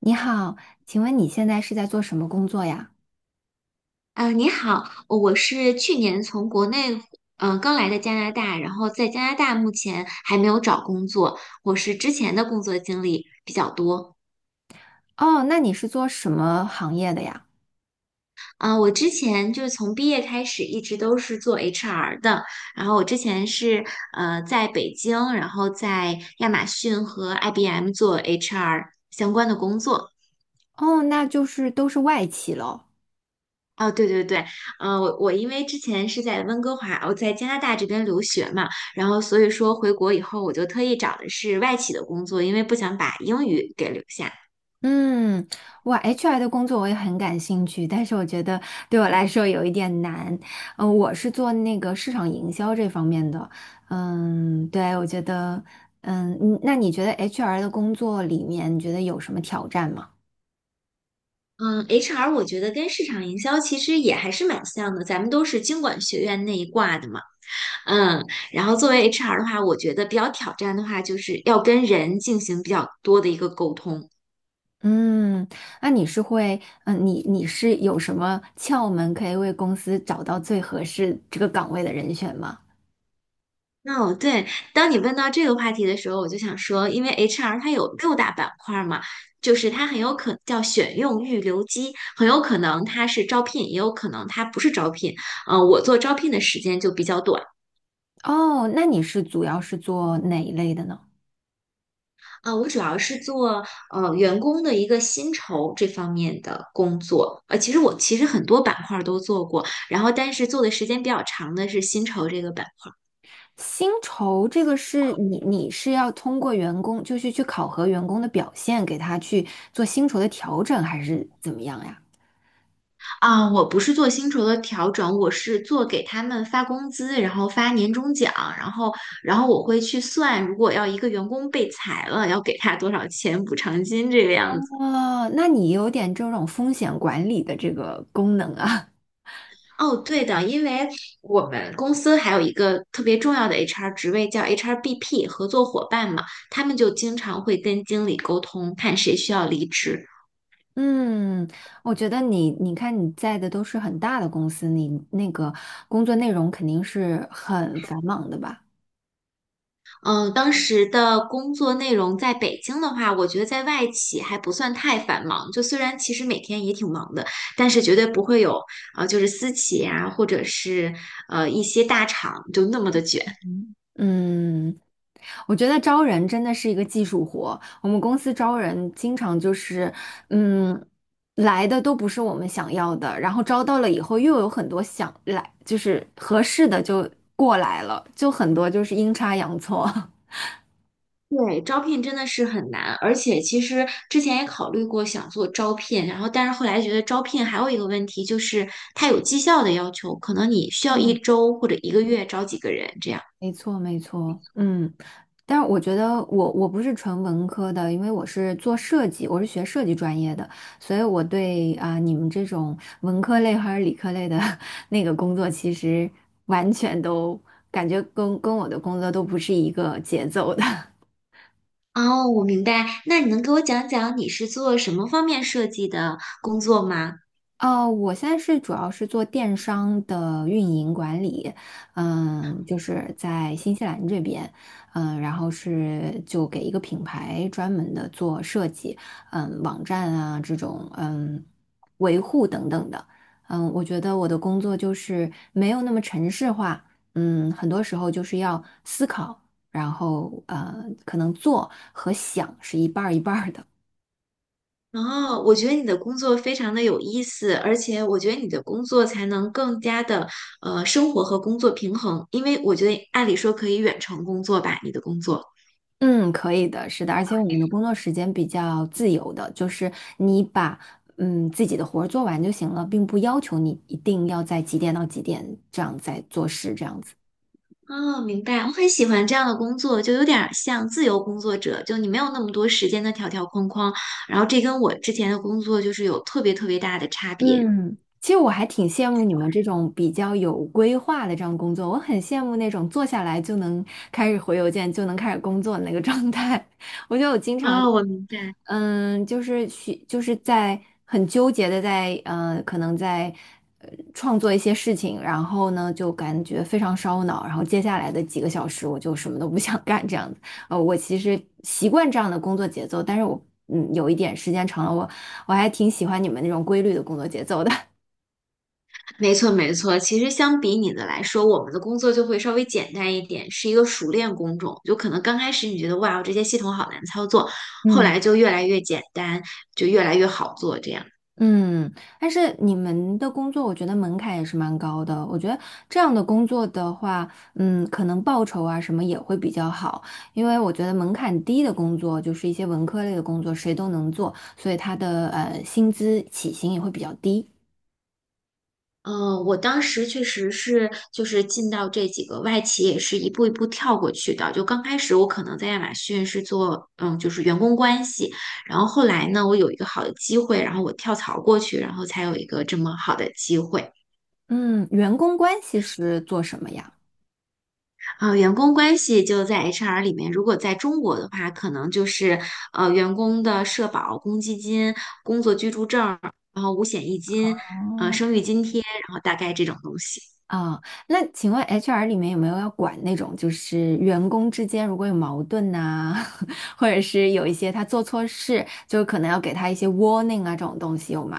你好，请问你现在是在做什么工作呀？啊，你好，我是去年从国内刚来的加拿大，然后在加拿大目前还没有找工作，我是之前的工作经历比较多。哦，那你是做什么行业的呀？我之前就是从毕业开始一直都是做 HR 的，然后我之前是在北京，然后在亚马逊和 IBM 做 HR 相关的工作。哦，那就是都是外企咯。哦，对对对。嗯，我因为之前是在温哥华，我在加拿大这边留学嘛，然后所以说回国以后，我就特意找的是外企的工作，因为不想把英语给留下。嗯，哇，HR 的工作我也很感兴趣，但是我觉得对我来说有一点难。我是做那个市场营销这方面的。嗯，对，我觉得，嗯，你那觉得 HR 的工作里面，你觉得有什么挑战吗？嗯，HR 我觉得跟市场营销其实也还是蛮像的，咱们都是经管学院那一挂的嘛。嗯，然后作为 HR 的话，我觉得比较挑战的话，就是要跟人进行比较多的一个沟通。嗯，那你是会，嗯，你是有什么窍门可以为公司找到最合适这个岗位的人选吗？哦，对，当你问到这个话题的时候，我就想说，因为 HR 它有六大板块儿嘛，就是它很有可能叫选用预留机，很有可能它是招聘，也有可能它不是招聘。我做招聘的时间就比较短。哦，那你主要是做哪一类的呢？我主要是做员工的一个薪酬这方面的工作。其实我其实很多板块儿都做过，然后但是做的时间比较长的是薪酬这个板块。薪酬这个是你是要通过员工，就是去考核员工的表现，给他去做薪酬的调整，还是怎么样呀？啊，我不是做薪酬的调整，我是做给他们发工资，然后发年终奖，然后，然后我会去算，如果要一个员工被裁了，要给他多少钱补偿金这个样子。哦，那你有点这种风险管理的这个功能啊。哦，对的，因为我们公司还有一个特别重要的 HR 职位叫 HRBP 合作伙伴嘛，他们就经常会跟经理沟通，看谁需要离职。嗯，我觉得你，你看你在的都是很大的公司，你那个工作内容肯定是很繁忙的吧？嗯，当时的工作内容在北京的话，我觉得在外企还不算太繁忙。就虽然其实每天也挺忙的，但是绝对不会有就是私企啊，或者是一些大厂就那么的卷。嗯，我觉得招人真的是一个技术活。我们公司招人经常就是，嗯，来的都不是我们想要的，然后招到了以后又有很多想来，就是合适的就过来了，就很多就是阴差阳错。对，招聘真的是很难，而且其实之前也考虑过想做招聘，然后但是后来觉得招聘还有一个问题就是它有绩效的要求，可能你需要一嗯，周或者一个月招几个人这样。没错，没错，嗯，但是我觉得我不是纯文科的，因为我是做设计，我是学设计专业的，所以我对你们这种文科类还是理科类的 那个工作，其实完全都感觉跟我的工作都不是一个节奏的。哦，我明白。那你能给我讲讲你是做什么方面设计的工作吗？哦，我现在主要是做电商的运营管理，嗯，就是在新西兰这边，嗯，然后是就给一个品牌专门的做设计，嗯，网站啊这种，嗯，维护等等的，嗯，我觉得我的工作就是没有那么程式化，嗯，很多时候就是要思考，然后可能做和想是一半儿一半儿的。哦，我觉得你的工作非常的有意思，而且我觉得你的工作才能更加的生活和工作平衡，因为我觉得按理说可以远程工作吧，你的工作。嗯，可以的，是的，而且我们的工作时间比较自由的，就是你把自己的活儿做完就行了，并不要求你一定要在几点到几点这样在做事这样子。哦，明白。我很喜欢这样的工作，就有点儿像自由工作者，就你没有那么多时间的条条框框，然后这跟我之前的工作就是有特别特别大的差别。嗯，其实我还挺羡慕你们这种比较有规划的这样工作，我很羡慕那种坐下来就能开始回邮件就能开始工作的那个状态。我觉得我经常。哦，我明白。嗯，就是许，就是在很纠结的在，可能在呃创作一些事情，然后呢，就感觉非常烧脑，然后接下来的几个小时我就什么都不想 干这样子。我其实习惯这样的工作节奏，但是我有一点时间长了，我还挺喜欢你们那种规律的工作节奏的。没错，没错。其实相比你的来说，我们的工作就会稍微简单一点，是一个熟练工种。就可能刚开始你觉得哇，这些系统好难操作，后嗯。来就越来越简单，就越来越好做这样。嗯，但是你们的工作，我觉得门槛也是蛮高的。我觉得这样的工作的话，嗯，可能报酬啊什么也会比较好，因为我觉得门槛低的工作，就是一些文科类的工作，谁都能做，所以他的薪资起薪也会比较低。嗯，我当时确实是就是进到这几个外企，也是一步一步跳过去的。就刚开始我可能在亚马逊是做就是员工关系，然后后来呢，我有一个好的机会，然后我跳槽过去，然后才有一个这么好的机会。嗯，员工关系是做什么呀？啊，员工关系就在 HR 里面，如果在中国的话，可能就是员工的社保、公积金、工作居住证然后五险一金、哦。生育津贴，然后大概这种东西。啊，那请问 HR 里面有没有要管那种，就是员工之间如果有矛盾呐、或者是有一些他做错事，就可能要给他一些 warning 啊这种东西有吗？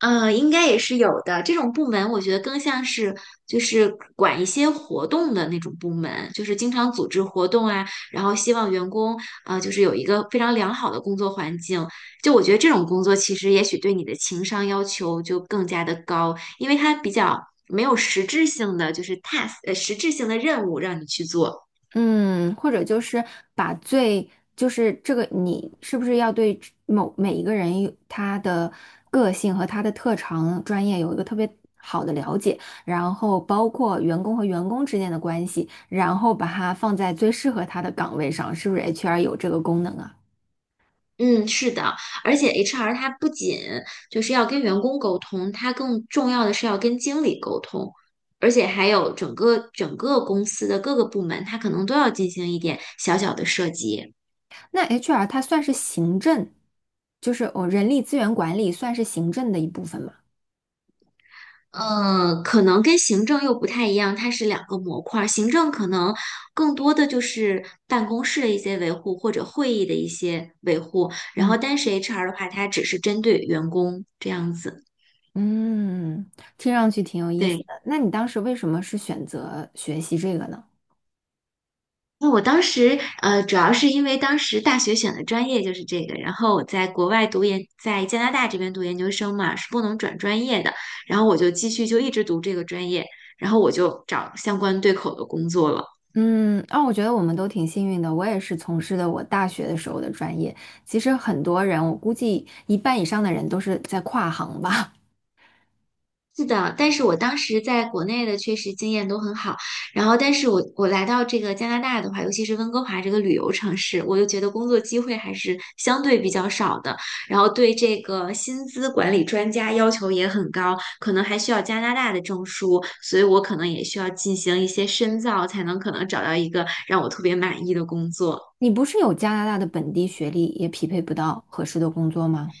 应该也是有的。这种部门，我觉得更像是就是管一些活动的那种部门，就是经常组织活动啊，然后希望员工啊，就是有一个非常良好的工作环境。就我觉得这种工作其实也许对你的情商要求就更加的高，因为它比较没有实质性的就是 task，实质性的任务让你去做。嗯，或者就是把最，就是这个你是不是要对每一个人有他的个性和他的特长、专业有一个特别好的了解，然后包括员工和员工之间的关系，然后把它放在最适合他的岗位上，是不是 HR 有这个功能啊？嗯，是的，而且 HR 它不仅就是要跟员工沟通，它更重要的是要跟经理沟通，而且还有整个公司的各个部门，它可能都要进行一点小小的涉及。那 HR 它算是行政，人力资源管理算是行政的一部分嘛？可能跟行政又不太一样，它是两个模块儿。行政可能更多的就是办公室的一些维护或者会议的一些维护，然嗯。后但是 HR 的话，它只是针对员工这样子。嗯，听上去挺有意思对。的。那你当时为什么是选择学习这个呢？那我当时，主要是因为当时大学选的专业就是这个，然后我在国外读研，在加拿大这边读研究生嘛，是不能转专业的，然后我就继续就一直读这个专业，然后我就找相关对口的工作了。嗯，啊，我觉得我们都挺幸运的。我也是从事的我大学的时候的专业。其实很多人，我估计一半以上的人都是在跨行吧。是的，但是我当时在国内的确实经验都很好，然后但是我来到这个加拿大的话，尤其是温哥华这个旅游城市，我就觉得工作机会还是相对比较少的，然后对这个薪资管理专家要求也很高，可能还需要加拿大的证书，所以我可能也需要进行一些深造，才能可能找到一个让我特别满意的工作。你不是有加拿大的本地学历，也匹配不到合适的工作吗？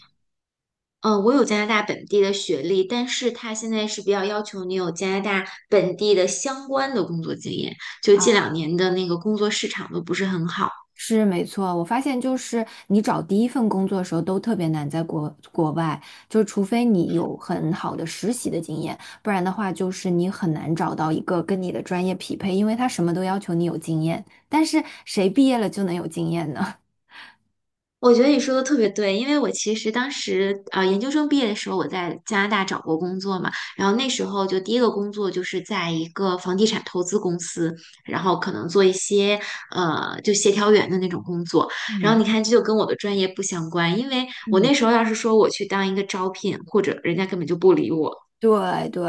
嗯，我有加拿大本地的学历，但是他现在是比较要求你有加拿大本地的相关的工作经验。就近2年的那个工作市场都不是很好。是没错，我发现就是你找第一份工作的时候都特别难，在国外，就除非你有很好的实习的经验，不然的话就是你很难找到一个跟你的专业匹配，因为他什么都要求你有经验，但是谁毕业了就能有经验呢？我觉得你说的特别对，因为我其实当时研究生毕业的时候，我在加拿大找过工作嘛，然后那时候就第一个工作就是在一个房地产投资公司，然后可能做一些就协调员的那种工作，然后嗯你看这就跟我的专业不相关，因为我嗯。那时候要是说我去当一个招聘，或者人家根本就不理我。对对，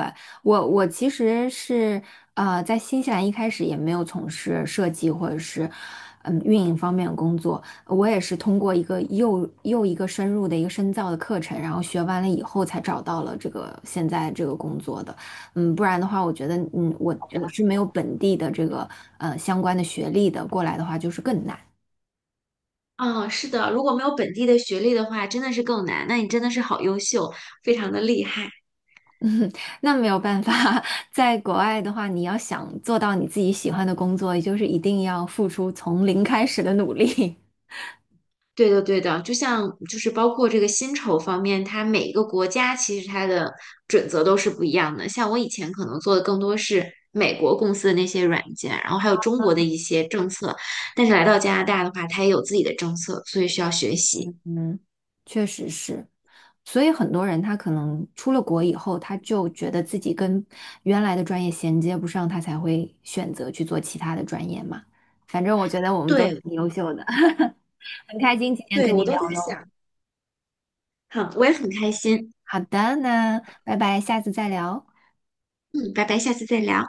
我其实是在新西兰一开始也没有从事设计或者是运营方面的工作，我也是通过一个又一个深入的一个深造的课程，然后学完了以后才找到了这个现在这个工作的。嗯，不然的话，我觉得我是没有本地的这个相关的学历的，过来的话就是更难。嗯，是的，如果没有本地的学历的话，真的是更难。那你真的是好优秀，非常的厉害。那没有办法，在国外的话，你要想做到你自己喜欢的工作，也就是一定要付出从零开始的努力。对的，对的，就像就是包括这个薪酬方面，它每一个国家其实它的准则都是不一样的。像我以前可能做的更多是美国公司的那些软件，然后还有中国的一些政策，但是来到加拿大的话，它也有自己的政策，所以需要学习。嗯，确实是，所以很多人他可能出了国以后，他就觉得自己跟原来的专业衔接不上，他才会选择去做其他的专业嘛。反正我觉得我们都对，挺优秀的，很开心今天对，跟你我都在聊喽。想，好，我也很开心。好的，那拜拜，下次再聊。嗯，拜拜，下次再聊。